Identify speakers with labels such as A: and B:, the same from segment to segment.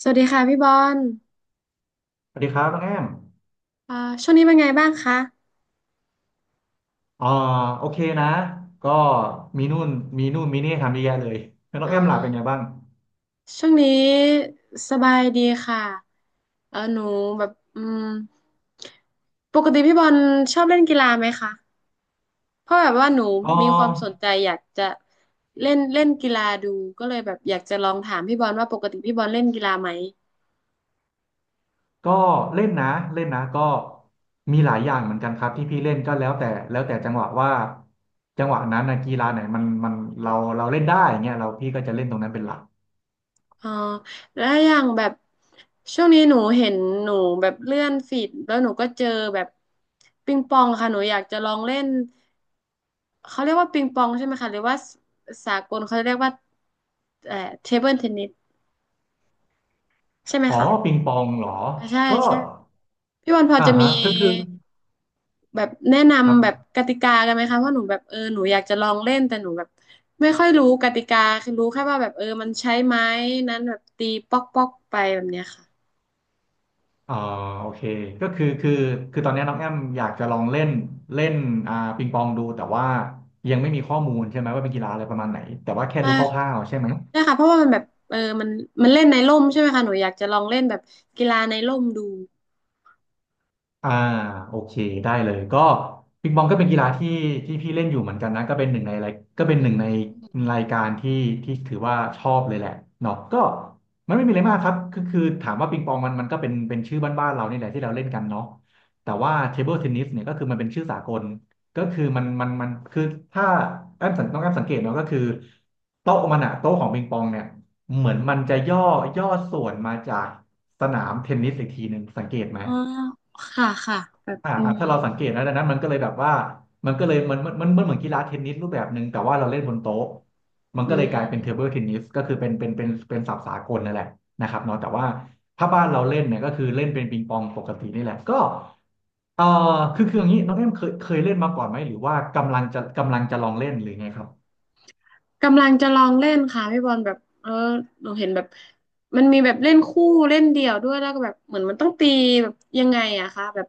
A: สวัสดีค่ะพี่บอล
B: สวัสดีครับน้องแอม
A: อ่าช่วงนี้เป็นไงบ้างคะ
B: อ่าโอเคนะก็มีนู่นมีนู่นมีนี่ทำเยอะแยะเลยแล้วน้อ
A: อ๋
B: ง
A: อ
B: แอมล่ะเป็นไงบ้าง
A: ช่วงนี้สบายดีค่ะเออหนูแบบอืมปกติพี่บอลชอบเล่นกีฬาไหมคะ เพราะแบบว่าหนู
B: อ๋อ
A: มีความสนใจอยากจะเล่นเล่นกีฬาดูก็เลยแบบอยากจะลองถามพี่บอลว่าปกติพี่บอลเล่นกีฬาไหม
B: ก็เล่นนะเล่นนะก็มีหลายอย่างเหมือนกันครับที่พี่เล่นก็แล้วแต่จังหวะว่าจังหวะนั้นนะกีฬาไหนมันเราเราเล่นได้เงี้ยเราพี่ก็จะเล่นตรงนั้นเป็นหลัก
A: อ๋อแล้วอย่างแบบช่วงนี้หนูเห็นหนูแบบเลื่อนฟีดแล้วหนูก็เจอแบบปิงปองค่ะหนูอยากจะลองเล่น เขาเรียกว่าปิงปองใช่ไหมคะหรือว่าสากลเขาเรียกว่าเอ่อเทเบิลเทนนิสใช่ไหม
B: อ๋อ
A: คะ
B: ปิงปองเหรอ
A: อ่าใช่
B: ก็
A: ใช่พี่วันพอ
B: อ่า
A: จะมี
B: ฮะคือ
A: แบบแนะ
B: ครั
A: นำแบบ
B: บ
A: กติกากันไหมคะว่าหนูแบบเออหนูอยากจะลองเล่นแต่หนูแบบไม่ค่อยรู้กติกาคือรู้แค่ว่าแบบเออมันใช้ไม้นั้นแบบตีป๊อกป๊อกไปแบบเนี้ยค่ะ
B: อ๋อโอเคก็คือตอนนี้น้องแอมอยากจะลองเล่นเล่นปิงปองดูแต่ว่ายังไม่มีข้อมูลใช่ไหมว่าเป็นกีฬาอะไรประมาณไหนแต่ว่าแค่
A: ใช่
B: รู้ค
A: ค่ะ
B: ร่าวๆใช่ไหม
A: ใช่ค่ะเพราะว่ามันแบบเออมันเล่นในร่มใช่ไหมคะหนูอยากจะลองเล่นแบบกีฬาในร่มดู
B: อ่าโอเคได้เลยก็ปิงปองก็เป็นกีฬาที่ที่พี่เล่นอยู่เหมือนกันนะก็เป็น
A: อื
B: หนึ่งใน
A: ม
B: รายการที่ที่ถือว่าชอบเลยแหละเนาะก็มันไม่มีอะไรมากครับก็คือถามว่าปิงปองมันก็เป็นชื่อบ้านๆเรานี่แหละที่เราเล่นกันเนาะแต่ว่าเทเบิลเทนนิสเนี่ยก็คือมันเป็นชื่อสากลก็คือมันคือถ้าแอมสังต้องแอมสังเกตเนาะก็คือโต๊ะของปิงปองเนี่ยเหมือนมันจะย่อส่วนมาจากสนามเทนนิสอีกทีหนึ่งสังเกตไหม
A: อ๋อค่ะค่ะแบบ
B: อ่า
A: อื
B: อ่า
A: ม
B: ถ้าเราสังเกตนะดังนั้นมันก็เลยแบบว่ามันก็เลยมันมันเหมือนกีฬาเทนนิสรูปแบบหนึ่งแต่ว่าเราเล่นบนโต๊ะมัน
A: อื
B: ก็เลย
A: ม
B: กลายเป็นเทเบิลเทนนิสก็คือเป็นศัพท์สากลนั่นแหละนะครับเนาะแต่ว่าถ้าบ้านเราเล่นเนี่ยก็คือเล่นเป็นปิงปองปกตินี่แหละก็เอ่อคืออย่างนี้น้องเอ็มเคยเล่นมาก่อนไหมหรือว่ากำลังจะลองเล่นหรือไงครับ
A: กำลังจะลองเล่นค่ะพี่บอลแบบเออเราเห็นแบบมันมีแบบเล่นคู่เล่นเดี่ยวด้วยแล้วก็แบบเหมือนมันต้องตีแบบยังไงอะคะแบบ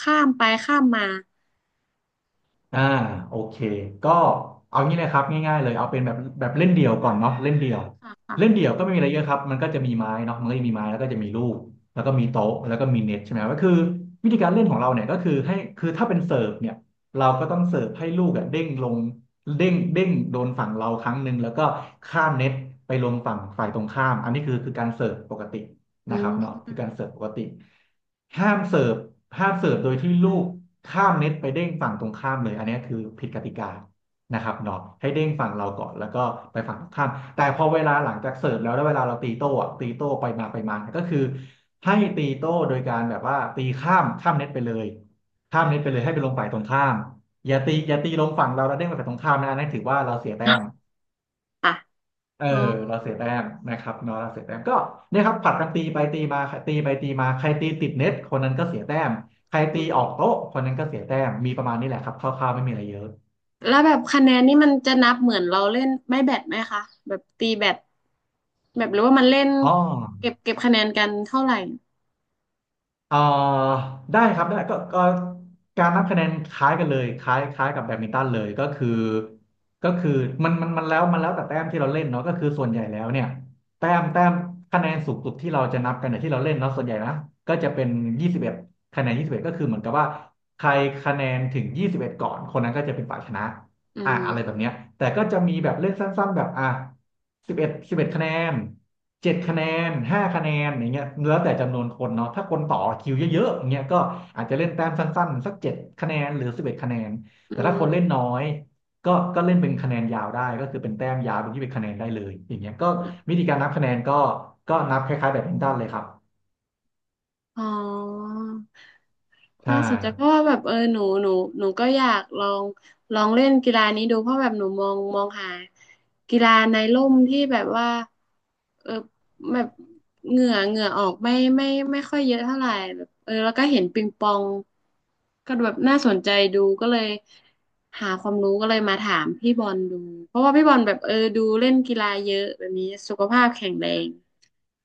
A: ข้ามไปข้ามมา
B: อ่าโอเคก็เอางี้นะครับง่ายๆเลยเอาเป็นแบบเล่นเดี่ยวก่อนเนาะเล่นเดี่ยว
A: ค่ะ
B: เล่น
A: ค่ะ
B: เดี่ยวก็ไม่มีอะไรเยอะครับมันก็จะมีไม้เนาะมันก็จะมีไม้แล้วก็จะมีลูกแล้วก็มีโต๊ะแล้วก็มีเน็ตใช่ไหมก็คือวิธีการเล่นของเราเนี่ยก็คือให้คือถ้าเป็นเสิร์ฟเนี่ยเราก็ต้องเสิร์ฟให้ลูกอะเด้งลงเด้งโดนฝั่งเราครั้งหนึ่งแล้วก็ข้ามเน็ตไปลงฝั่งฝ่ายตรงข้ามอันนี้คือการเสิร์ฟปกติ
A: อื
B: นะครับเนาะคือการ
A: ม
B: เสิร์ฟปกติห้ามเสิร์ฟห้ามเสิร์ฟโดยที่ลูกข้ามเน็ตไปเด้งฝั่งตรงข้ามเลยอันนี้คือผิดกติกานะครับเนาะให้เด้งฝั่งเราก่อนแล้วก็ไปฝั่งตรงข้ามแต่พอเวลาหลังจากเสิร์ฟแล้วเวลาเราตีโต้อะตีโต้ไปมาไปมาก็คือให้ตีโต้โดยการแบบว่าตีข้ามเน็ตไปเลยข้ามเน็ตไปเลยให้ไปลงฝ่ายตรงข้ามอย่าตีลงฝั่งเราแล้วเด้งไปฝั่งตรงข้ามนะนั่นถือว่าเราเสียแต้ม
A: ค่ะ
B: เออ
A: อ๋อ
B: เราเสียแต้มนะครับเนาะเราเสียแต้มก็เนี่ยครับผลัดกันตีไปตีมาใครตีไปตีมาใครตีติดเน็ตคนนั้นก็เสียแต้มใครตี
A: อืม
B: ออกโต๊ะคนนั้นก็เสียแต้มมีประมาณนี้แหละครับคร่าวๆไม่มีอะไรเยอะ
A: แล้วแบบคะแนนนี่มันจะนับเหมือนเราเล่นไม่แบดไหมคะแบบตีแบดแบบหรือว่ามันเล่น
B: อ๋อ
A: เก็บคะแนนกันเท่าไหร่
B: เอ่อได้ครับได้ก็การนับคะแนนคล้ายกันเลยคล้ายกับแบดมินตันเลยก็คือมันแล้วแต่แต้มที่เราเล่นเนาะก็คือส่วนใหญ่แล้วเนี่ยแต้มคะแนนสูงสุดที่เราจะนับกันเนี่ยที่เราเล่นเนาะส่วนใหญ่นะก็จะเป็นยี่สิบเอ็ดคะแนนยี่สิบเอ็ดก็คือเหมือนกับว่าใครคะแนนถึงยี่สิบเอ็ดก่อนคนนั้นก็จะเป็นฝ่ายชนะ
A: อื
B: อ่ะ
A: ม
B: อะไรแบบเนี้ยแต่ก็จะมีแบบเลขสั้นๆแบบอ่ะสิบเอ็ดคะแนนเจ็ดคะแนนห้าคะแนนอย่างเงี้ยแล้วแต่จำนวนคนเนาะถ้าคนต่อคิวเยอะๆอย่างเงี้ยก็อาจจะเล่นแต้มสั้นๆสักเจ็ดคะแนนหรือสิบเอ็ดคะแนน
A: อื
B: แต่ถ้าคนเล่นน้อ
A: ม
B: ยก็เล่นเป็นคะแนนยาวได้ก็คือเป็นแต้มยาวเป็นที่เป็นคะแนนได้เลยอย่างเงี้ยก็วิธีการนับคะแนนก็นับคล้ายๆแบดมินตันเลยครับ
A: อ๋อ
B: ใช่
A: น่าสนใจเพราะว่าแบบเออหนูก็อยากลองเล่นกีฬานี้ดูเพราะแบบหนูมองหากีฬาในร่มที่แบบว่าเออแบบเหงื่อออกไม่ค่อยเยอะเท่าไหร่แบบเออแล้วก็เห็นปิงปองก็แบบน่าสนใจดูก็เลยหาความรู้ก็เลยมาถามพี่บอลดูเพราะว่าพี่บอลแบบเออดูเล่นกีฬาเยอะแบบนี้สุขภาพแข็งแรง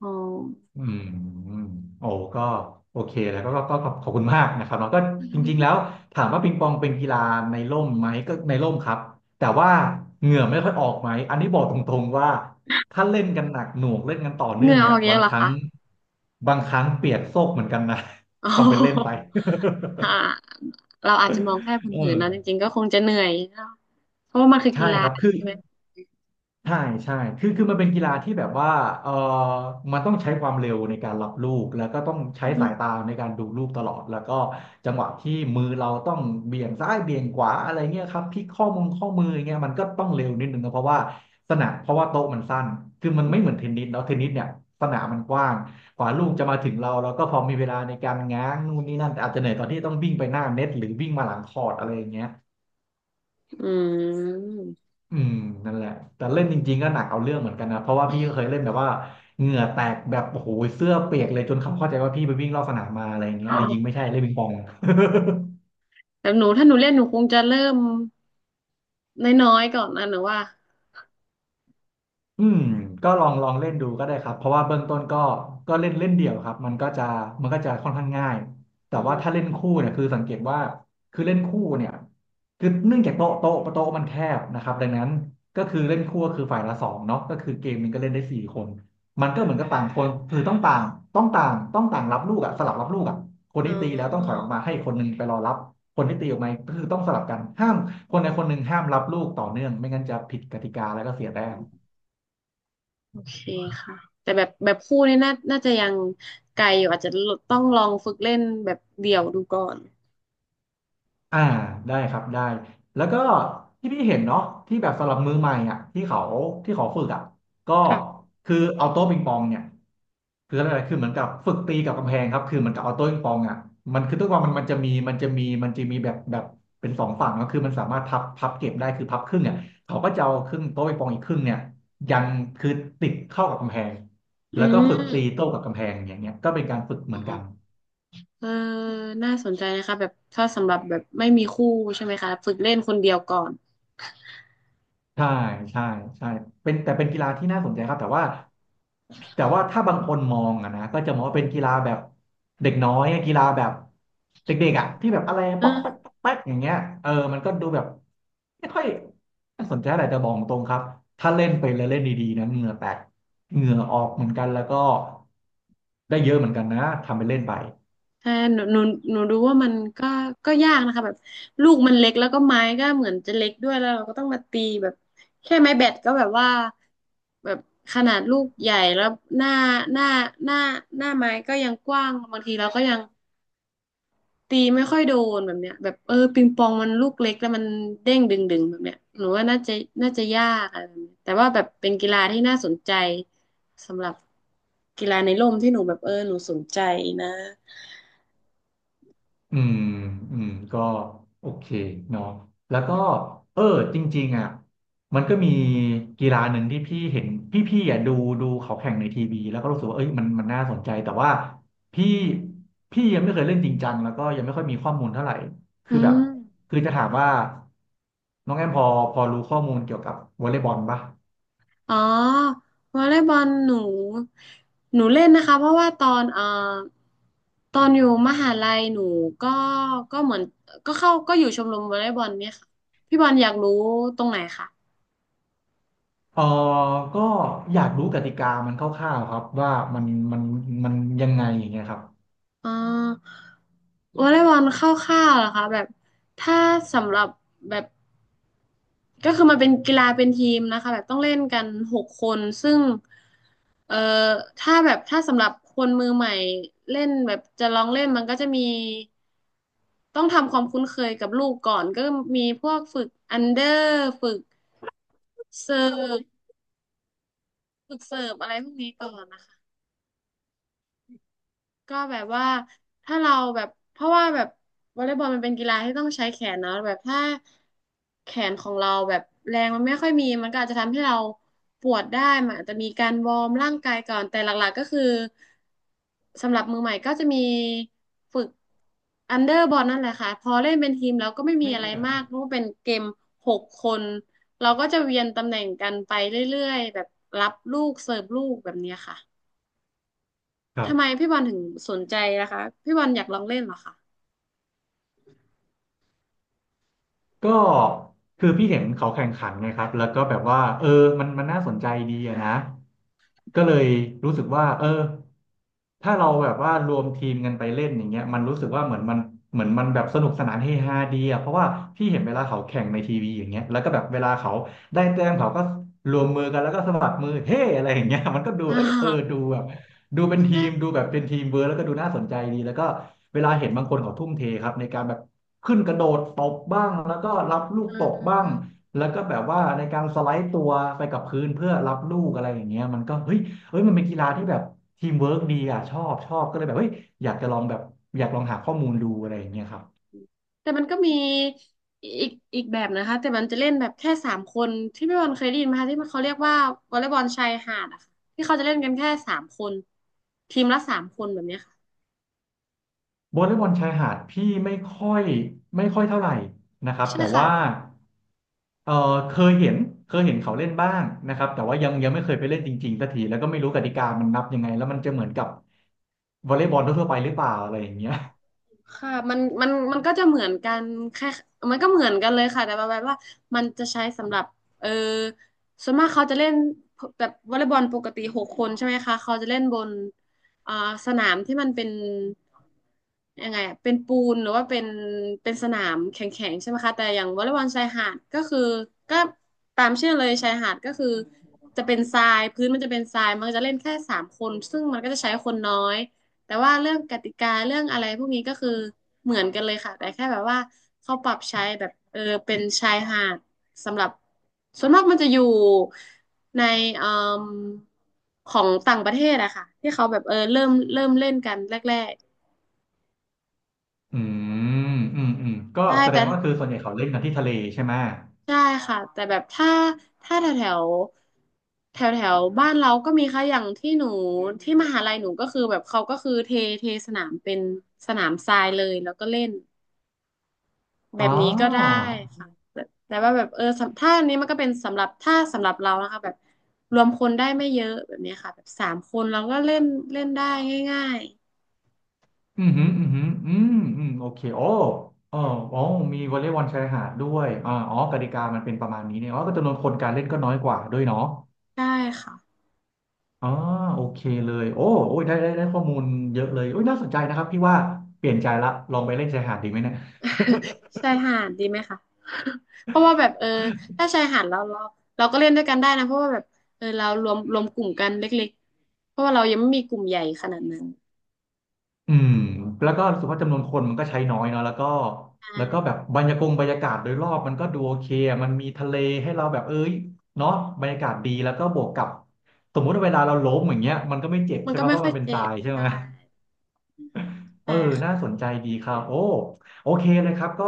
A: อ๋อ
B: อืมโอ้ก็โอเคแล้วก็ขอบคุณมากนะครับแล้วก็จริงๆแล้วถามว่าปิงปองเป็นกีฬาในร่มไหมก็ในร่มครับแต่ว่าเหงื่อไม่ค่อยออกไหมอันนี้บอกตรงๆว่าถ้าเล่นกันหนักหน่วงเล่นกันต่อ
A: เห
B: เนื่อง
A: งื่ออ
B: เนี่ย
A: อกเย
B: บา
A: อะ
B: ง
A: เหร
B: ค
A: อ
B: รั้ง
A: คะ
B: บางครั้งเปียกโซกเหมือนกันนะ
A: โอ้
B: ทำเป็นเล่นไป
A: โหอ่ะ เราอาจจะมองแค่ เผิ
B: เอ
A: น
B: อ
A: ๆนะจริงๆก็คงจะเหนื่อยเนอะเพราะว่ามันคือกี
B: ใช่
A: ฬา
B: ครับคือ
A: ใช่ไหม
B: ใช่ใช่ คือมันเป็นกีฬาที่แบบว่าเออมันต้องใช้ความเร็วในการรับลูกแล้วก็ต้อง
A: อื
B: ใช้สายตา
A: ม
B: ในการดูลูกตลอดแล้วก็จังหวะที่มือเราต้องเบี่ยงซ้ายเบี่ยงขวาอะไรเงี้ยครับพลิกข้อมืออย่างเงี้ยมันก็ต้องเร็วนิดนึงนะเพราะว่าสนามเพราะว่าโต๊ะมันสั้นคือมันไม่เหมือนเทนนิสเนาะเทนนิสเนี่ยสนามมันกว้างกว่าลูกจะมาถึงเราแล้วก็พอมีเวลาในการง้างนู่นนี่นั่นแต่อาจจะเหนื่อยตอนที่ต้องวิ่งไปหน้าเน็ตหรือวิ่งมาหลังคอร์ตอะไรอย่างเงี้ย
A: อืม
B: อืมนั่นแหละแต่เล่นจริงๆก็หนักเอาเรื่องเหมือนกันนะเพราะว่าพี่ก็เคยเล่นแบบว่าเหงื่อแตกแบบโอ้โหเสื้อเปียกเลยจนเขาเข้าใจว่าพี่ไปวิ่งรอบสนามมาอะไรอย่างเงี้ยจริงๆไม่ใช่เล่นปิงปอง
A: แต่หนูถ้าหนูเล่นหนูคงจะเริ่มน้อยๆก่อนนะหนูว่า
B: อืมก็ลองเล่นดูก็ได้ครับเพราะว่าเบื้องต้นก็ก็เล่นเล่นเดี่ยวครับมันก็จะค่อนข้างง่ายแต่
A: อื
B: ว่า
A: ม
B: ถ้าเล่นคู่เนี่ยคือสังเกตว่าคือเล่นคู่เนี่ยคือเนื่องจากโต๊ะมันแคบนะครับดังนั้นก็คือเล่นคู่ก็คือฝ่ายละสองเนาะก็คือเกมมันงก็เล่นได้สี่คนมันก็เหมือนกับต่างคนคือต้องต่างต้องต่างต้องต่างรับลูกอะสลับรับลูกอะคน
A: อ๋
B: ที่ตีแล้วต้องถ
A: อ
B: อยออกมาให้คนหนึงไปรอรับคนที่ตีออกมาก็คือต้องสลับกันห้ามคนใดคนหนึ่งห้ามรับลูกต่อเนื่องไม่งั้นจะผิดกติกาแล้วก็เสียแต้ม
A: โอเคค่ะ แต่แบบคู่นี่น่าจะยังไกลอยู่อาจจะต้องลองฝึกเล่นแบบเดี่ยวดูก่อน
B: อ่าได้ครับได้แล้วก็ที่พี่เห็นเนาะที่แบบสำหรับมือใหม่อ่ะที่เขาที่เขาฝึกอ่ะก็
A: ค่ะ
B: คือเอาโต๊ะปิงปองเนี่ยคืออะไรคือเหมือนกับฝึกตีกับกำแพงครับคือเหมือนกับเอาโต๊ะปิงปองอ่ะมันคือตัวมันมันจะมีแบบเป็นสองฝั่งก็คือมันสามารถพับเก็บได้คือพับครึ่งเนี่ยเขาก็จะเอาครึ่งโต๊ะปิงปองอีกครึ่งเนี่ยยังคือติดเข้ากับกำแพง
A: อื
B: แล้วก็
A: ม
B: ฝึกตีโต้กับกำแพงอย่างเงี้ยก็เป็นการฝึกเห
A: อ๋
B: มือนกัน
A: อ เออน่าสนใจนะคะแบบถ้าสำหรับแบบไม่มีคู่ใช่ไหมคะฝึกเล่นคนเดียวก่อน
B: ใช่ใช่ใช่เป็นแต่เป็นกีฬาที่น่าสนใจครับแต่ว่าถ้าบางคนมองอะนะก็จะมองว่าเป็นกีฬาแบบเด็กน้อยอะกีฬาแบบเด็กๆอะที่แบบอะไรป๊อกแป๊ก
A: อ่า
B: ป๊อกแป๊กอย่างเงี้ยเออมันก็ดูแบบไม่ค่อยน่าสนใจอะไรแต่บอกตรงครับถ้าเล่นไปแล้วเล่นดีๆนะเหงื่อแตกเหงื่อออกเหมือนกันแล้วก็ได้เยอะเหมือนกันนะทำไปเล่นไป
A: แต่หนูดูว่ามันก็ก็ยากนะคะแบบลูกมันเล็กแล้วก็ไม้ก็เหมือนจะเล็กด้วยแล้วเราก็ต้องมาตีแบบแค่ไม้แบตก็แบบว่าแบบขนาดลูกใหญ่แล้วหน้าหน้าหน้าหน้าไม้ก็ยังกว้างบางทีเราก็ยัง ตีไม่ค่อยโดนแบบเนี้ยแบบเออปิงปองมันลูกเล็กแล้วมันเด้งดึงแบบเนี้ยหนูว่าน่าจะยากอะไรแบบเนี้ยแต่ว่าแบบเป็นกีฬาที่น่าสนใจสำหรับกีฬาในร่มที่หนูแบบเออหนูสนใจนะ
B: อืมอืมก็โอเคเนาะแล้วก็เออจริงๆอ่ะมันก็มีกีฬาหนึ่งที่พี่เห็นพี่อ่ะดูเขาแข่งในทีวีแล้วก็รู้สึกว่าเอ้ยมันน่าสนใจแต่ว่าพี่พี่ยังไม่เคยเล่นจริงจังแล้วก็ยังไม่ค่อยมีข้อมูลเท่าไหร่คือ
A: อื
B: แบบ
A: ม
B: คือจะถามว่าน้องแอมพอรู้ข้อมูลเกี่ยวกับวอลเลย์บอลปะ
A: อ๋อวอลเลย์บอลหนูเล่นนะคะเพราะว่าตอนตอนอยู่มหาลัยหนูก็ก็เหมือนก็เข้าก็อยู่ชมรมวอลเลย์บอลเนี่ยค่ะพี่บอลอยากรู้ตรงไหนคะ
B: เออก็อยากรู้กติกามันคร่าวๆครับว่ามันมันยังไงอย่างเงี้ยครับ
A: อ่าวอลเลย์บอลคร่าวๆเหรอคะแบบถ้าสำหรับแบบก็คือมันเป็นกีฬาเป็นทีมนะคะแบบต้องเล่นกันหกคนซึ่งเอ่อถ้าแบบถ้าสำหรับคนมือใหม่เล่นแบบจะลองเล่นมันก็จะมีต้องทำความคุ้นเคยกับลูกก่อนก็มีพวกฝึกอันเดอร์ฝึกเซิร์ฟฝึกเสิร์ฟอะไรพวกนี้ก่อนนะคะ ก็แบบว่าถ้าเราแบบเพราะว่าแบบวอลเลย์บอลมันเป็นกีฬาที่ต้องใช้แขนเนาะแบบถ้าแขนของเราแบบแรงมันไม่ค่อยมีมันก็อาจจะทำให้เราปวดได้มันอาจจะมีการวอร์มร่างกายก่อนแต่หลักๆก็คือสำหรับมือใหม่ก็จะมีฝึกอันเดอร์บอลนั่นแหละค่ะพอเล่นเป็นทีมแล้วก็ไม่มี
B: ไม่
A: อะไร
B: เน
A: มากเพราะว่าเป็นเกมหกคนเราก็จะเวียนตำแหน่งกันไปเรื่อยๆแบบรับลูกเสิร์ฟลูกแบบเนี้ยค่ะ
B: ครั
A: ทำไม
B: บ
A: พี่บอลถึงสนใจนะคะพี่บอลอยากลองเล่นเหรอคะ
B: ก็คือพี่เห็นเขาแข่งขันไงครับแล้วก็แบบว่าเออมันน่าสนใจดีอะนะก็เลยรู้สึกว่าเออถ้าเราแบบว่ารวมทีมกันไปเล่นอย่างเงี้ยมันรู้สึกว่าเหมือนมันเหมือนมันแบบสนุกสนานเฮฮาดีอะเพราะว่าพี่เห็นเวลาเขาแข่งในทีวีอย่างเงี้ยแล้วก็แบบเวลาเขาได้แต้มเขาก็รวมมือกันแล้วก็สะบัดมือเฮ้อะไรอย่างเงี้ยมันก็ดู
A: อ่า
B: เอ้ยเออดูแบบดูเป็น ที
A: ใช่
B: มดูแบบเป็นทีมเวิร์กแล้วก็ดูน่าสนใจดีแล้วก็เวลาเห็นบางคนเขาทุ่มเทครับในการแบบ ขึ้นกระโดดตบบ้างแล้วก็รับลูก
A: อ่
B: ตกบ้าง
A: า
B: แล้วก็แบบว่าในการสไลด์ตัวไปกับพื้นเพื่อรับลูกอะไรอย่างเงี้ยมันก็เฮ้ยมันเป็นกีฬาที่แบบทีมเวิร์กดีอ่ะชอบก็เลยแบบเฮ้ยอยากจะลองแบบอยากลองหาข้อมูลดูอะไรอย่างเงี้ยครับ
A: แต่มันก็มีอีกอีกแบบนะคะแต่มันจะเล่นแบบแค่สามคนที่พี่บอลเคยได้ยินไหมคะที่มันเขาเรียกว่าวอลเลย์บอลชายหาดอะค่ะที่เขาจะเล่นกันแค่สามคนทีมละสามคนแบบเนี้ยค่ะ
B: วอลเลย์บอลชายหาดพี่ไม่ค่อยเท่าไหร่นะครับ
A: ใช่
B: แต่
A: ค่ะ
B: ว่าเออเคยเห็นเคยเห็นเขาเล่นบ้างนะครับแต่ว่ายังไม่เคยไปเล่นจริงๆสักทีแล้วก็ไม่รู้กติกามันนับยังไงแล้วมันจะเหมือนกับวอลเลย์บอลทั่วๆไปหรือเปล่าอะไรอย่างเงี้ย
A: ค่ะมันก็จะเหมือนกันแค่มันก็เหมือนกันเลยค่ะแต่ประมาณว่ามันจะใช้สำหรับเออส่วนมากเขาจะเล่นแบบวอลเลย์บอลปกติหกคนใช่ไหมคะเขาจะเล่นบนอ่าสนามที่มันเป็นยังไงอะเป็นปูนหรือว่าเป็นเป็นสนามแข็งๆใช่ไหมคะแต่อย่างวอลเลย์บอลชายหาดก็คือก็ตามชื่อเลยชายหาดก็คือจะเป็นทรายพื้นมันจะเป็นทรายมันก็จะเล่นแค่สามคนซึ่งมันก็จะใช้คนน้อย แต่ว่าเรื่องกติกาเรื่องอะไรพวกนี้ก็คือเหมือนกันเลยค่ะแต่แค่แบบว่าเขาปรับใช้แบบเป็นชายหาดสำหรับส่วนมากมันจะอยู่ในเอ่มของต่างประเทศอะค่ะที่เขาแบบเริ่มเล่นกันแรก
B: อืมอืมก็
A: ๆใช่
B: แสด
A: แต่
B: งว่าคือส่วนใหญ่เขาเล่นกันที่ทะเลใช่ไหม
A: ใช่ค่ะแต่แบบถ้าแถวแถวแถวแถวบ้านเราก็มีค่ะอย่างที่หนูที่มหาลัยหนูก็คือแบบเขาก็คือเทสนามเป็นสนามทรายเลยแล้วก็เล่น แบ
B: อ๋
A: บ
B: อ
A: นี้ก็ได้ค่ะแต่แต่ว่าแบบสำถ้าอันนี้มันก็เป็นสำหรับถ้าสำหรับเรานะคะแบบรวมคนได้ไม่เยอะแบบนี้ค่ะแบบสามคนเราก็เล่นเล่นได้ง่าย
B: อืมอหืมออืมอหืมออืมอืมโอเคโอ้อ๋ออ๋อมีวอลเลย์บอลชายหาดด้วยอ๋อกติกามันเป็นประมาณนี้เนี่ยอ๋อก็จำนวนคนการเล่นก็น้อยกว่าด้วยเนาะ
A: ๆได้ค่ะ
B: อ๋อโอเคเลยโอ้โอ้ยได้ข้อมูลเยอะเลยโอ้ยน่าสนใจนะครับพี่ว่าเปลี่ยนใจละ ลองไปเล่นชายหาดดีไหมเนี่ย
A: ชายหาดดีไหมคะ เพราะว่าแบบถ้าชายหาดเราเราก็เล่นด้วยกันได้นะเพราะว่าแบบเรารวมกลุ่มกันเล็กๆเพราะว่าเรายังไม่มีกลุ่มใหญ่ขนาดนั้น
B: อืมแล้วก็รู้สึกว่าจำนวนคนมันก็ใช้น้อยเนาะแล้วก็
A: ใช่
B: แล้วก็แบบบรรยากงบรรยากาศโดยรอบมันก็ดูโอเคอะมันมีทะเลให้เราแบบเอ้ยเนาะบรรยากาศดีแล้วก็บวกกับสมมุติว่าเวลาเราล้มอย่างเงี้ยมันก็ไม่เจ็บ
A: มัน
B: ใช่
A: ก็
B: ปะ
A: ไม่
B: เพราะ
A: ค่อ
B: มั
A: ย
B: นเป็น
A: เจ็
B: ทรา
A: บ
B: ยใช่
A: ใช่
B: ไหม เอ
A: ใช่
B: อ น่า
A: ค่ะ
B: สนใจดีครับโอ้โอเคเลยครับก็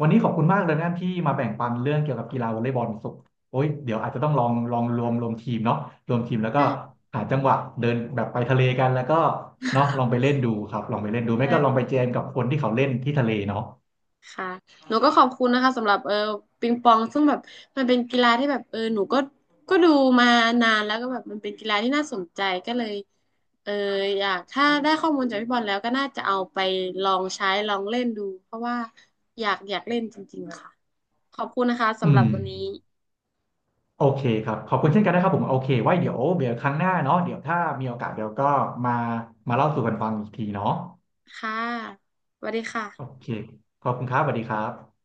B: วันนี้ขอบคุณมากเลยนะที่มาแบ่งปันเรื่องเกี่ยวกับกีฬาวอลเลย์บอลสุกโอ้ยเดี๋ยวอาจจะต้องลองรวมทีมเนาะรวมทีมแล้วก็
A: ใช่
B: หาจังหวะเดินแบบไปทะเลกันแล้วก็เนาะลองไปเล่นดูครับลองไปเล่นดูไม่
A: ใช่
B: ก็ลองไปแจ
A: ค่ะ
B: มกับคนที่เขาเล่นที่ทะเลเนาะ
A: ค่ะหนูก็ขอบคุณนะคะสำหรับปิงปองซึ่งแบบมันเป็นกีฬาที่แบบหนูก็ก็ดูมานานแล้วก็แบบมันเป็นกีฬาที่น่าสนใจก็เลยเอออยากถ้าได้ข้อมูลจากพี่บอลแล้วก็น่าจะเอาไปลองใช้ลองเล่นดูเพราะว่าอยากเล่นจริงๆค่ะขอบคุณนะคะ
B: อื
A: สำหรั
B: ม
A: บวันนี้
B: โอเคครับขอบคุณเช่นกันนะครับผมโอเคไว้เดี๋ยวครั้งหน้าเนาะเดี๋ยวถ้ามีโอกาสเดี๋ยวก็มามาเล่าสู่กันฟังอีกทีเนาะ
A: ค่ะสวัสดีค่ะ
B: โอเคขอบคุณครับสวัสดีครับ